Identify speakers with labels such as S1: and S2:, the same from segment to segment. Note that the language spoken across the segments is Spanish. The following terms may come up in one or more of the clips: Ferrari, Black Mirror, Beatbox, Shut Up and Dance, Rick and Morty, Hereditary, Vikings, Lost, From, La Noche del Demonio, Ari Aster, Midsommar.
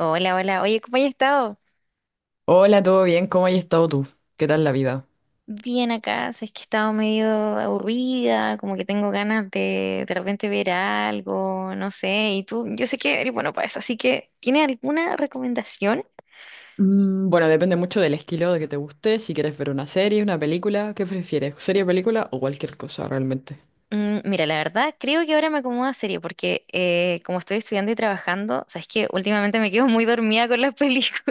S1: Hola, hola. Oye, ¿cómo has estado?
S2: Hola, ¿todo bien? ¿Cómo has estado tú? ¿Qué tal la vida?
S1: Bien acá, si es que he estado medio aburrida, como que tengo ganas de repente ver algo, no sé. Y tú, yo sé que eres bueno para eso, así que ¿tienes alguna recomendación?
S2: Bueno, depende mucho del estilo de que te guste, si quieres ver una serie, una película, ¿qué prefieres? ¿Serie, película o cualquier cosa realmente?
S1: Mm, mira, la verdad, creo que ahora me acomoda serie, porque como estoy estudiando y trabajando, sabes que últimamente me quedo muy dormida con las películas.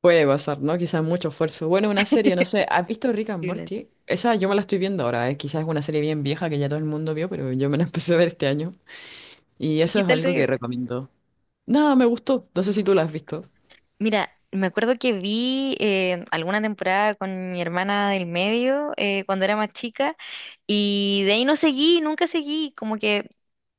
S2: Puede pasar, ¿no? Quizás mucho esfuerzo. Bueno, una serie, no sé, ¿has visto Rick and Morty? Esa yo me la estoy viendo ahora, ¿eh? Quizás es una serie bien vieja que ya todo el mundo vio, pero yo me la empecé a ver este año. Y
S1: ¿Y
S2: eso
S1: qué
S2: es
S1: tal?
S2: algo que recomiendo. No, me gustó, no sé si tú la has visto.
S1: Mira, me acuerdo que vi alguna temporada con mi hermana del medio cuando era más chica y de ahí no seguí, nunca seguí, como que,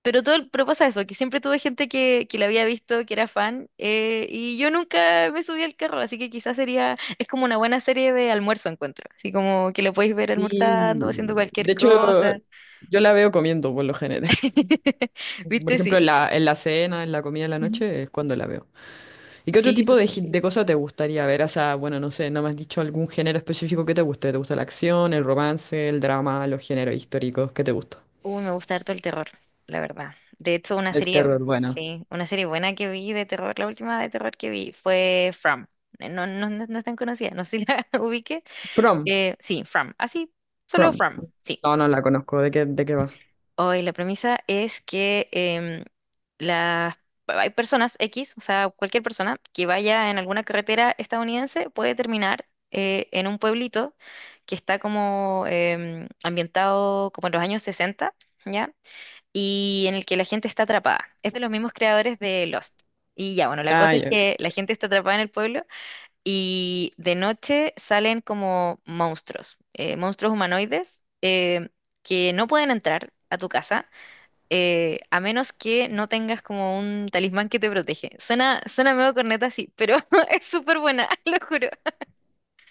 S1: pero todo, pero pasa eso, que siempre tuve gente que la había visto, que era fan y yo nunca me subí al carro, así que quizás sería, es como una buena serie de almuerzo encuentro, así como que lo podéis ver
S2: Sí.
S1: almorzando, haciendo cualquier
S2: De hecho,
S1: cosa.
S2: yo la veo comiendo por lo general. Por
S1: ¿Viste? Sí.
S2: ejemplo, en la cena, en la comida de la
S1: Ujú.
S2: noche, es cuando la veo. ¿Y qué otro
S1: Sí, eso
S2: tipo de, gi-
S1: sí.
S2: de cosa te gustaría ver? O sea, bueno, no sé, no me has dicho algún género específico que te guste. ¿Te gusta la acción, el romance, el drama, los géneros históricos? ¿Qué te gusta?
S1: Uy, me gusta harto el terror, la verdad. De hecho, una
S2: El
S1: serie,
S2: terror, bueno.
S1: sí, una serie buena que vi de terror, la última de terror que vi fue From. No, no, no, no es tan conocida, no sé si la ubique.
S2: Prom,
S1: Sí, From, así, solo
S2: prom.
S1: From, sí.
S2: No, no la conozco. ¿De qué va?
S1: Hoy la premisa es que las, hay personas X, o sea, cualquier persona que vaya en alguna carretera estadounidense puede terminar en un pueblito que está como ambientado como en los años 60, ¿ya? Y en el que la gente está atrapada. Es de los mismos creadores de Lost. Y ya, bueno, la
S2: Ah,
S1: cosa es
S2: ya.
S1: que la gente está atrapada en el pueblo y de noche salen como monstruos, monstruos humanoides que no pueden entrar a tu casa a menos que no tengas como un talismán que te protege. Suena, suena medio corneta, sí, pero es súper buena, lo juro.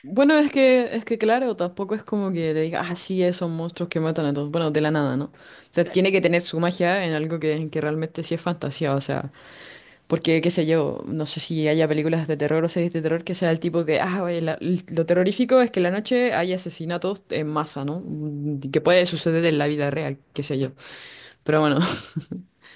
S2: Bueno, es que claro, tampoco es como que te diga, ah, sí, esos monstruos que matan a todos. Bueno, de la nada, ¿no? O sea, tiene que tener su magia en algo que realmente sí es fantasía. O sea. Porque, qué sé yo, no sé si haya películas de terror o series de terror que sea el tipo de, ah, oye, lo terrorífico es que en la noche hay asesinatos en masa, ¿no? Que puede suceder en la vida real, qué sé yo. Pero bueno,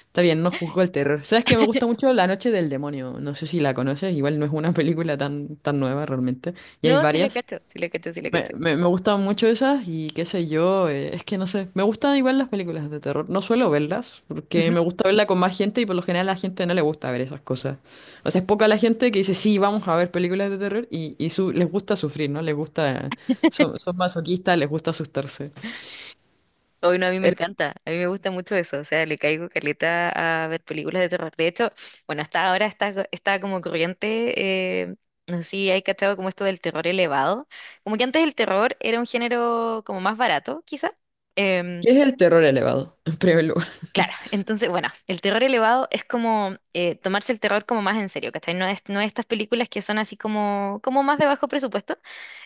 S2: está bien, no juzgo el terror. ¿Sabes que me gusta mucho La Noche del Demonio? No sé si la conoces, igual no es una película tan, tan nueva realmente. Y hay
S1: No, sí la
S2: varias.
S1: cacho, sí la cacho, sí la
S2: Me,
S1: cacho.
S2: me, me gustan mucho esas y qué sé yo, es que no sé, me gustan igual las películas de terror, no suelo verlas porque
S1: Ujú.
S2: me gusta verla con más gente y por lo general a la gente no le gusta ver esas cosas. O sea, es poca la gente que dice, sí, vamos a ver películas de terror y les gusta sufrir, ¿no? Les gusta, son masoquistas, les gusta asustarse.
S1: Hoy no, a mí me
S2: El-
S1: encanta, a mí me gusta mucho eso, o sea, le caigo caleta a ver películas de terror. De hecho, bueno, hasta ahora está, está como corriente, no sé si hay cachado como esto del terror elevado, como que antes el terror era un género como más barato, quizá. Em,
S2: ¿Qué es el terror elevado? En primer lugar.
S1: claro, entonces, bueno, el terror elevado es como tomarse el terror como más en serio, ¿cachai? No es, no estas películas que son así como, como más de bajo presupuesto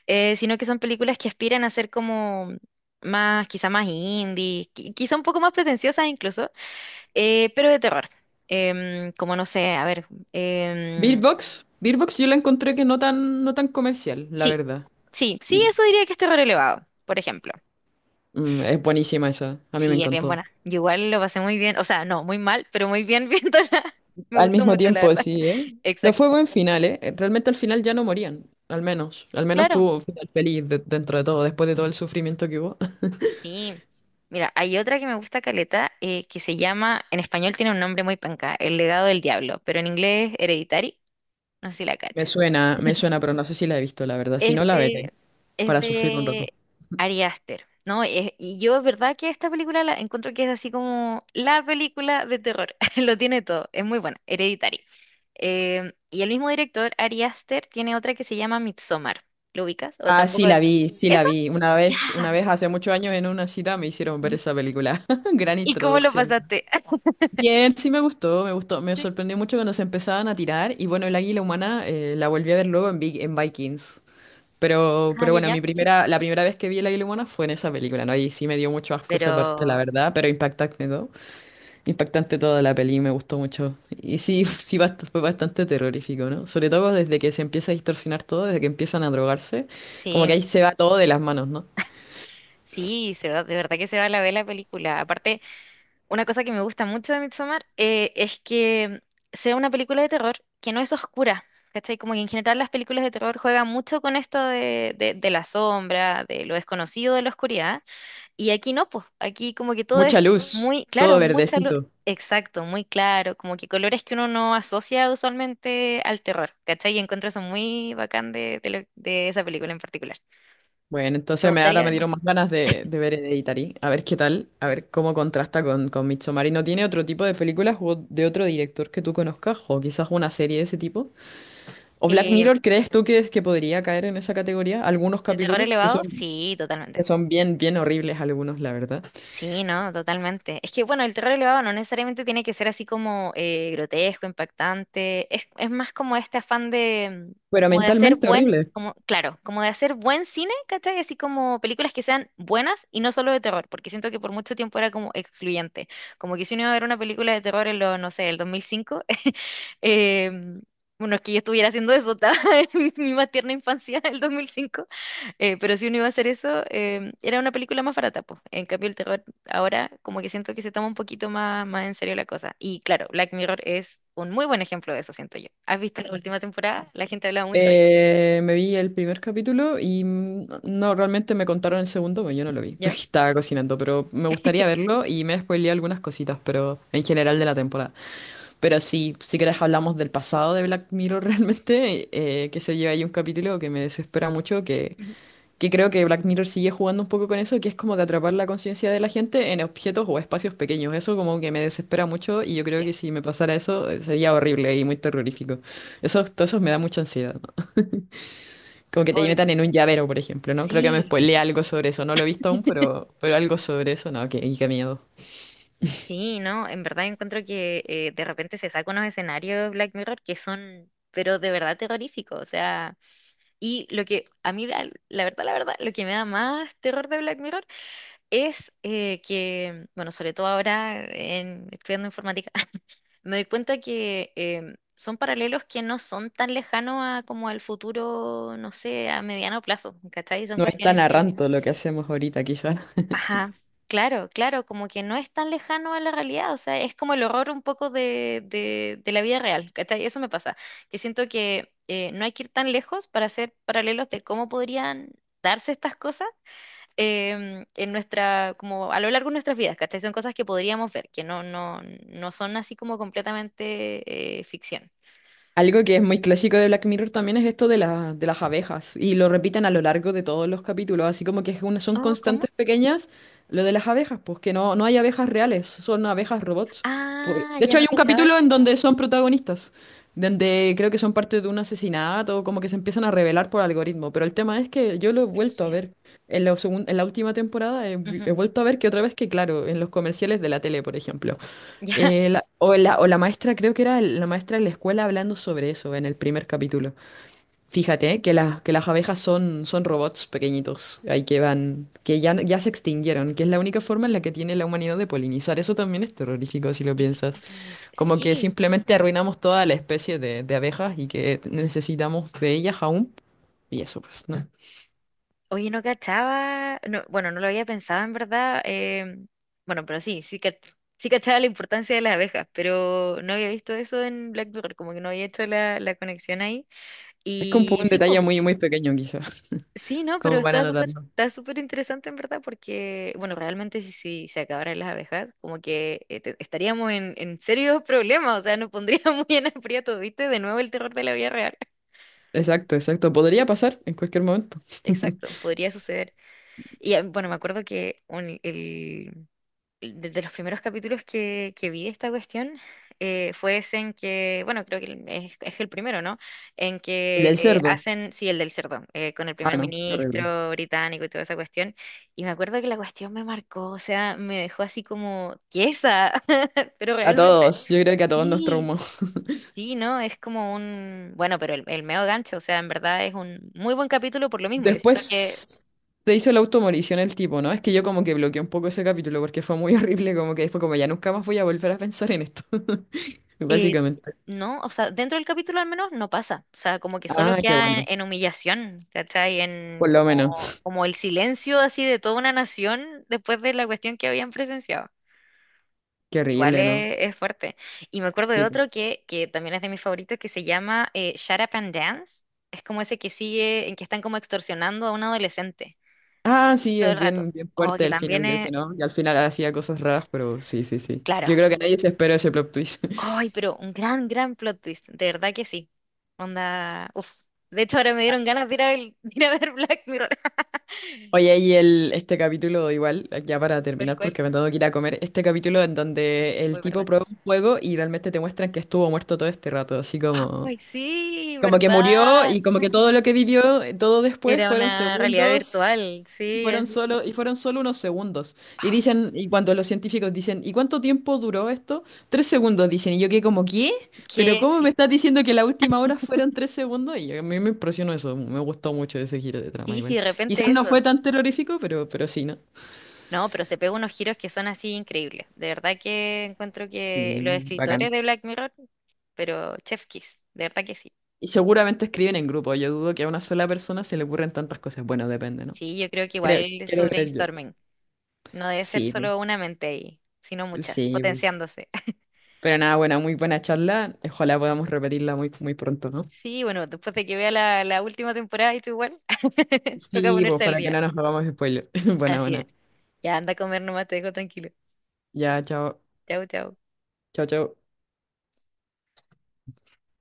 S1: sino que son películas que aspiran a ser como más, quizá más indie, quizá un poco más pretenciosas incluso, pero de terror. Como no sé, a ver, em,
S2: Beatbox, Beatbox yo la encontré que no tan comercial, la
S1: sí,
S2: verdad.
S1: sí, sí, eso diría que es terror elevado, por ejemplo.
S2: Es buenísima esa, a mí me
S1: Sí, es bien
S2: encantó.
S1: buena. Yo igual lo pasé muy bien, o sea, no, muy mal, pero muy bien viéndola. Me
S2: Al
S1: gustó
S2: mismo
S1: mucho, la
S2: tiempo,
S1: verdad.
S2: sí, ¿eh? No fue
S1: Exacto.
S2: buen final, ¿eh? Realmente al final ya no morían, al menos. Al menos
S1: Claro,
S2: tuvo un final feliz dentro de todo, después de todo el sufrimiento que hubo.
S1: sí. Mira, hay otra que me gusta caleta, que se llama, en español tiene un nombre muy panca, El Legado del Diablo, pero en inglés es Hereditary. No sé si la cachas.
S2: Me suena, pero no sé si la he visto, la verdad. Si
S1: Es
S2: no, la veré
S1: de, es
S2: para sufrir un rato.
S1: de Ari Aster, ¿no? Y yo es verdad que esta película la encuentro que es así como la película de terror. Lo tiene todo, es muy buena, Hereditary. Y el mismo director, Ari Aster, tiene otra que se llama Midsommar. ¿Lo ubicas? ¿O
S2: Ah, sí,
S1: tampoco?
S2: la vi, sí, la
S1: ¿Eso?
S2: vi.
S1: Ya.
S2: Una vez hace muchos años en una cita me hicieron ver esa película. Gran
S1: ¿Y cómo lo
S2: introducción.
S1: pasaste?
S2: Bien, sí me gustó, me gustó. Me
S1: Sí.
S2: sorprendió mucho cuando se empezaban a tirar. Y bueno, el águila humana la volví a ver luego en Vikings. Pero,
S1: Ah,
S2: pero
S1: ya,
S2: bueno,
S1: ya,
S2: mi
S1: sí.
S2: primera, la primera vez que vi el águila humana fue en esa película, ¿no? Y sí me dio mucho asco esa parte, la
S1: Pero
S2: verdad, pero impactante todo. Impactante toda la peli, me gustó mucho. Y sí, sí fue bastante terrorífico, ¿no? Sobre todo desde que se empieza a distorsionar todo, desde que empiezan a drogarse, como
S1: sí,
S2: que ahí se va todo de las manos, ¿no?
S1: sí, se va, de verdad que se va la ver la película. Aparte, una cosa que me gusta mucho de Midsommar es que sea una película de terror que no es oscura, ¿cachai? Como que en general las películas de terror juegan mucho con esto de, de la sombra, de lo desconocido, de la oscuridad, y aquí no, pues, aquí como que todo
S2: Mucha
S1: es
S2: luz,
S1: muy
S2: todo
S1: claro, mucha luz,
S2: verdecito.
S1: exacto, muy claro, como que colores que uno no asocia usualmente al terror, ¿cachai? Y encuentro eso muy bacán de, de esa película en particular.
S2: Bueno,
S1: Me
S2: entonces me,
S1: gustaría
S2: ahora me
S1: ver
S2: dieron
S1: más.
S2: más ganas de ver Hereditary, a ver qué tal, a ver cómo contrasta con Midsommar. ¿Y no tiene otro tipo de películas o de otro director que tú conozcas? O quizás una serie de ese tipo. ¿O Black
S1: Eh,
S2: Mirror crees tú que podría caer en esa categoría? Algunos
S1: ¿De terror
S2: capítulos que
S1: elevado?
S2: son,
S1: Sí, totalmente.
S2: que son bien, bien horribles algunos, la verdad.
S1: Sí, no, totalmente. Es que, bueno, el terror elevado no necesariamente tiene que ser así como grotesco, impactante. Es más como este afán de,
S2: Pero
S1: como de hacer
S2: mentalmente
S1: buen,
S2: horribles.
S1: como, claro, como de hacer buen cine, ¿cachai? Así como películas que sean buenas y no solo de terror, porque siento que por mucho tiempo era como excluyente. Como que si uno iba a ver una película de terror en lo, no sé, el 2005, eh, bueno, es que yo estuviera haciendo eso, estaba en mi más tierna infancia, el 2005. Pero si uno iba a hacer eso, era una película más barata, pues. En cambio, el terror ahora como que siento que se toma un poquito más, más en serio la cosa. Y claro, Black Mirror es un muy buen ejemplo de eso, siento yo. ¿Has visto la última temporada? La gente hablaba mucho de ella.
S2: Me vi el primer capítulo y no, realmente me contaron el segundo, pero yo no lo vi, porque estaba cocinando, pero me gustaría verlo y me spoileé algunas cositas, pero en general de la temporada. Pero sí, si querés hablamos del pasado de Black Mirror realmente, que se lleva ahí un capítulo que me desespera mucho, que
S1: Ujú.
S2: Que creo que Black Mirror sigue jugando un poco con eso, que es como de atrapar la conciencia de la gente en objetos o espacios pequeños. Eso como que me desespera mucho y yo creo
S1: Sí.
S2: que si me pasara eso sería horrible y muy terrorífico. Todo eso me da mucha ansiedad, ¿no? Como que te
S1: Hoy,
S2: metan en un llavero, por ejemplo, ¿no? Creo que me
S1: sí.
S2: spoileé algo sobre eso. No lo he visto aún, pero algo sobre eso, no, que, y qué miedo.
S1: Sí, no, en verdad encuentro que de repente se saca unos escenarios Black Mirror que son, pero de verdad terroríficos, o sea, y lo que a mí, la, la verdad, lo que me da más terror de Black Mirror es que, bueno, sobre todo ahora en, estudiando informática, me doy cuenta que son paralelos que no son tan lejanos a como al futuro, no sé, a mediano plazo, ¿cachai? Son
S2: No es tan
S1: cuestiones que,
S2: arranto lo que hacemos ahorita, quizás.
S1: ajá, claro, claro, como que no es tan lejano a la realidad, o sea, es como el horror un poco de la vida real, ¿cachai? Eso me pasa, que siento que no hay que ir tan lejos para hacer paralelos de cómo podrían darse estas cosas en nuestra, como a lo largo de nuestras vidas, ¿cachai? Son cosas que podríamos ver, que no, no, no son así como completamente ficción.
S2: Algo que es muy clásico de Black Mirror también es esto de las abejas, y lo repiten a lo largo de todos los capítulos, así como que es son
S1: Oh, ¿cómo?
S2: constantes pequeñas lo de las abejas, pues que no hay abejas reales, son abejas robots.
S1: Ah,
S2: De
S1: ya
S2: hecho,
S1: no
S2: hay un
S1: cachaba
S2: capítulo
S1: eso.
S2: en donde son protagonistas, donde creo que son parte de un asesinato, como que se empiezan a revelar por algoritmo, pero el tema es que yo lo he vuelto a
S1: Brígido.
S2: ver en la última temporada, he,
S1: Ujú.
S2: he vuelto a ver que otra vez que, claro, en los comerciales de la tele, por ejemplo.
S1: Ya.
S2: La maestra, creo que era la maestra de la escuela hablando sobre eso en el primer capítulo. Fíjate que las abejas son robots pequeñitos, ahí que van, que ya se extinguieron, que es la única forma en la que tiene la humanidad de polinizar. Eso también es terrorífico si lo piensas. Como que
S1: Sí.
S2: simplemente arruinamos toda la especie de abejas y que necesitamos de ellas aún. Y eso, pues, ¿no?
S1: Oye, no cachaba. No, bueno, no lo había pensado en verdad. Bueno, pero sí, sí que sí cachaba la importancia de las abejas, pero no había visto eso en Black Mirror, como que no había hecho la, la conexión ahí.
S2: Es como un poco
S1: Y
S2: un
S1: sí, pues.
S2: detalle muy, muy pequeño, quizás,
S1: Sí, no, pero
S2: como para anotarlo.
S1: está súper interesante en verdad porque, bueno, realmente si, si se acabaran las abejas, como que estaríamos en serios problemas, o sea, nos pondríamos muy en aprieto, ¿viste? De nuevo el terror de la vida real.
S2: Exacto, exacto. Podría pasar en cualquier momento.
S1: Exacto, podría suceder. Y ah, bueno, me acuerdo que el, desde los primeros capítulos que vi de esta cuestión fue ese en que, bueno, creo que es el primero, ¿no? En que
S2: Del cerdo.
S1: hacen, sí, el del cerdo, con el
S2: Ah,
S1: primer
S2: no, qué horrible.
S1: ministro británico y toda esa cuestión. Y me acuerdo que la cuestión me marcó, o sea, me dejó así como tiesa, pero
S2: A
S1: realmente,
S2: todos, yo creo que a todos nos
S1: sí.
S2: traumó.
S1: Sí, no, es como un, bueno, pero el meo gancho, o sea, en verdad es un muy buen capítulo por lo mismo. Yo siento que
S2: Después se hizo la automorición el tipo, ¿no? Es que yo como que bloqueé un poco ese capítulo porque fue muy horrible, como que después como ya nunca más voy a volver a pensar en esto,
S1: Eh,
S2: básicamente.
S1: no, o sea, dentro del capítulo al menos no pasa. O sea, como que solo
S2: Ah, qué
S1: queda
S2: bueno,
S1: en humillación, ¿cachai? En
S2: por lo
S1: como,
S2: menos.
S1: como el silencio así de toda una nación después de la cuestión que habían presenciado.
S2: Qué
S1: Igual
S2: horrible, ¿no?
S1: es fuerte. Y me acuerdo de
S2: Sí. Po.
S1: otro que también es de mis favoritos que se llama Shut Up and Dance. Es como ese que sigue, en que están como extorsionando a un adolescente
S2: Ah, sí,
S1: todo el
S2: es
S1: rato.
S2: bien, bien
S1: Oh,
S2: fuerte
S1: que
S2: el
S1: también
S2: final de
S1: es,
S2: eso, ¿no? Y al final
S1: eh,
S2: hacía cosas raras, pero sí, sí, sí.
S1: claro,
S2: Yo creo que nadie se esperó ese plot twist.
S1: ay, pero un gran, gran plot twist, de verdad que sí. Onda, uf. De hecho, ahora me dieron ganas de ir a ver, de ir a ver Black Mirror.
S2: Oye, y este capítulo, igual, ya para
S1: ¿Cuál,
S2: terminar,
S1: cuál?
S2: porque me tengo que ir a comer, este capítulo en donde el
S1: Fue
S2: tipo
S1: verdad.
S2: prueba un juego y realmente te muestran que estuvo muerto todo este rato, así como...
S1: Ay, sí,
S2: Como que murió
S1: verdad.
S2: y como que todo lo que vivió, todo después
S1: Era
S2: fueron
S1: una realidad
S2: segundos
S1: virtual,
S2: y
S1: sí,
S2: fueron
S1: así.
S2: solo, y fueron solo unos segundos. Y cuando los científicos dicen, ¿y cuánto tiempo duró esto? 3 segundos, dicen. Y yo que como, ¿qué? ¿Pero
S1: Que
S2: cómo me
S1: sí,
S2: estás diciendo que la última hora fueron 3 segundos? Y a mí me impresionó eso, me gustó mucho ese giro de trama
S1: sí, sí,
S2: igual.
S1: de
S2: Quizás
S1: repente
S2: no
S1: eso.
S2: fue tan terrorífico, pero sí, ¿no?
S1: No, pero se pega unos giros que son así increíbles. De verdad que encuentro
S2: Y
S1: que los escritores
S2: bacán.
S1: de Black Mirror, pero chef's kiss, de verdad que sí.
S2: Y seguramente escriben en grupo, yo dudo que a una sola persona se le ocurran tantas cosas. Bueno, depende, ¿no?
S1: Sí, yo creo que
S2: Creo,
S1: igual
S2: quiero
S1: sobre
S2: creer yo.
S1: brainstorming. No debe ser
S2: Sí.
S1: solo una mente ahí, sino muchas,
S2: Sí, bu.
S1: potenciándose.
S2: Pero nada, buena, muy buena charla. Ojalá podamos repetirla muy, muy pronto, ¿no?
S1: Sí, bueno, después de que vea la, la última temporada y tú igual, toca
S2: Sí, pues
S1: ponerse al
S2: para que
S1: día.
S2: no nos hagamos spoiler. Buena,
S1: Así es.
S2: buena.
S1: Ya anda a comer nomás, te dejo tranquilo.
S2: Ya, chao.
S1: Chau, chau.
S2: Chao, chao.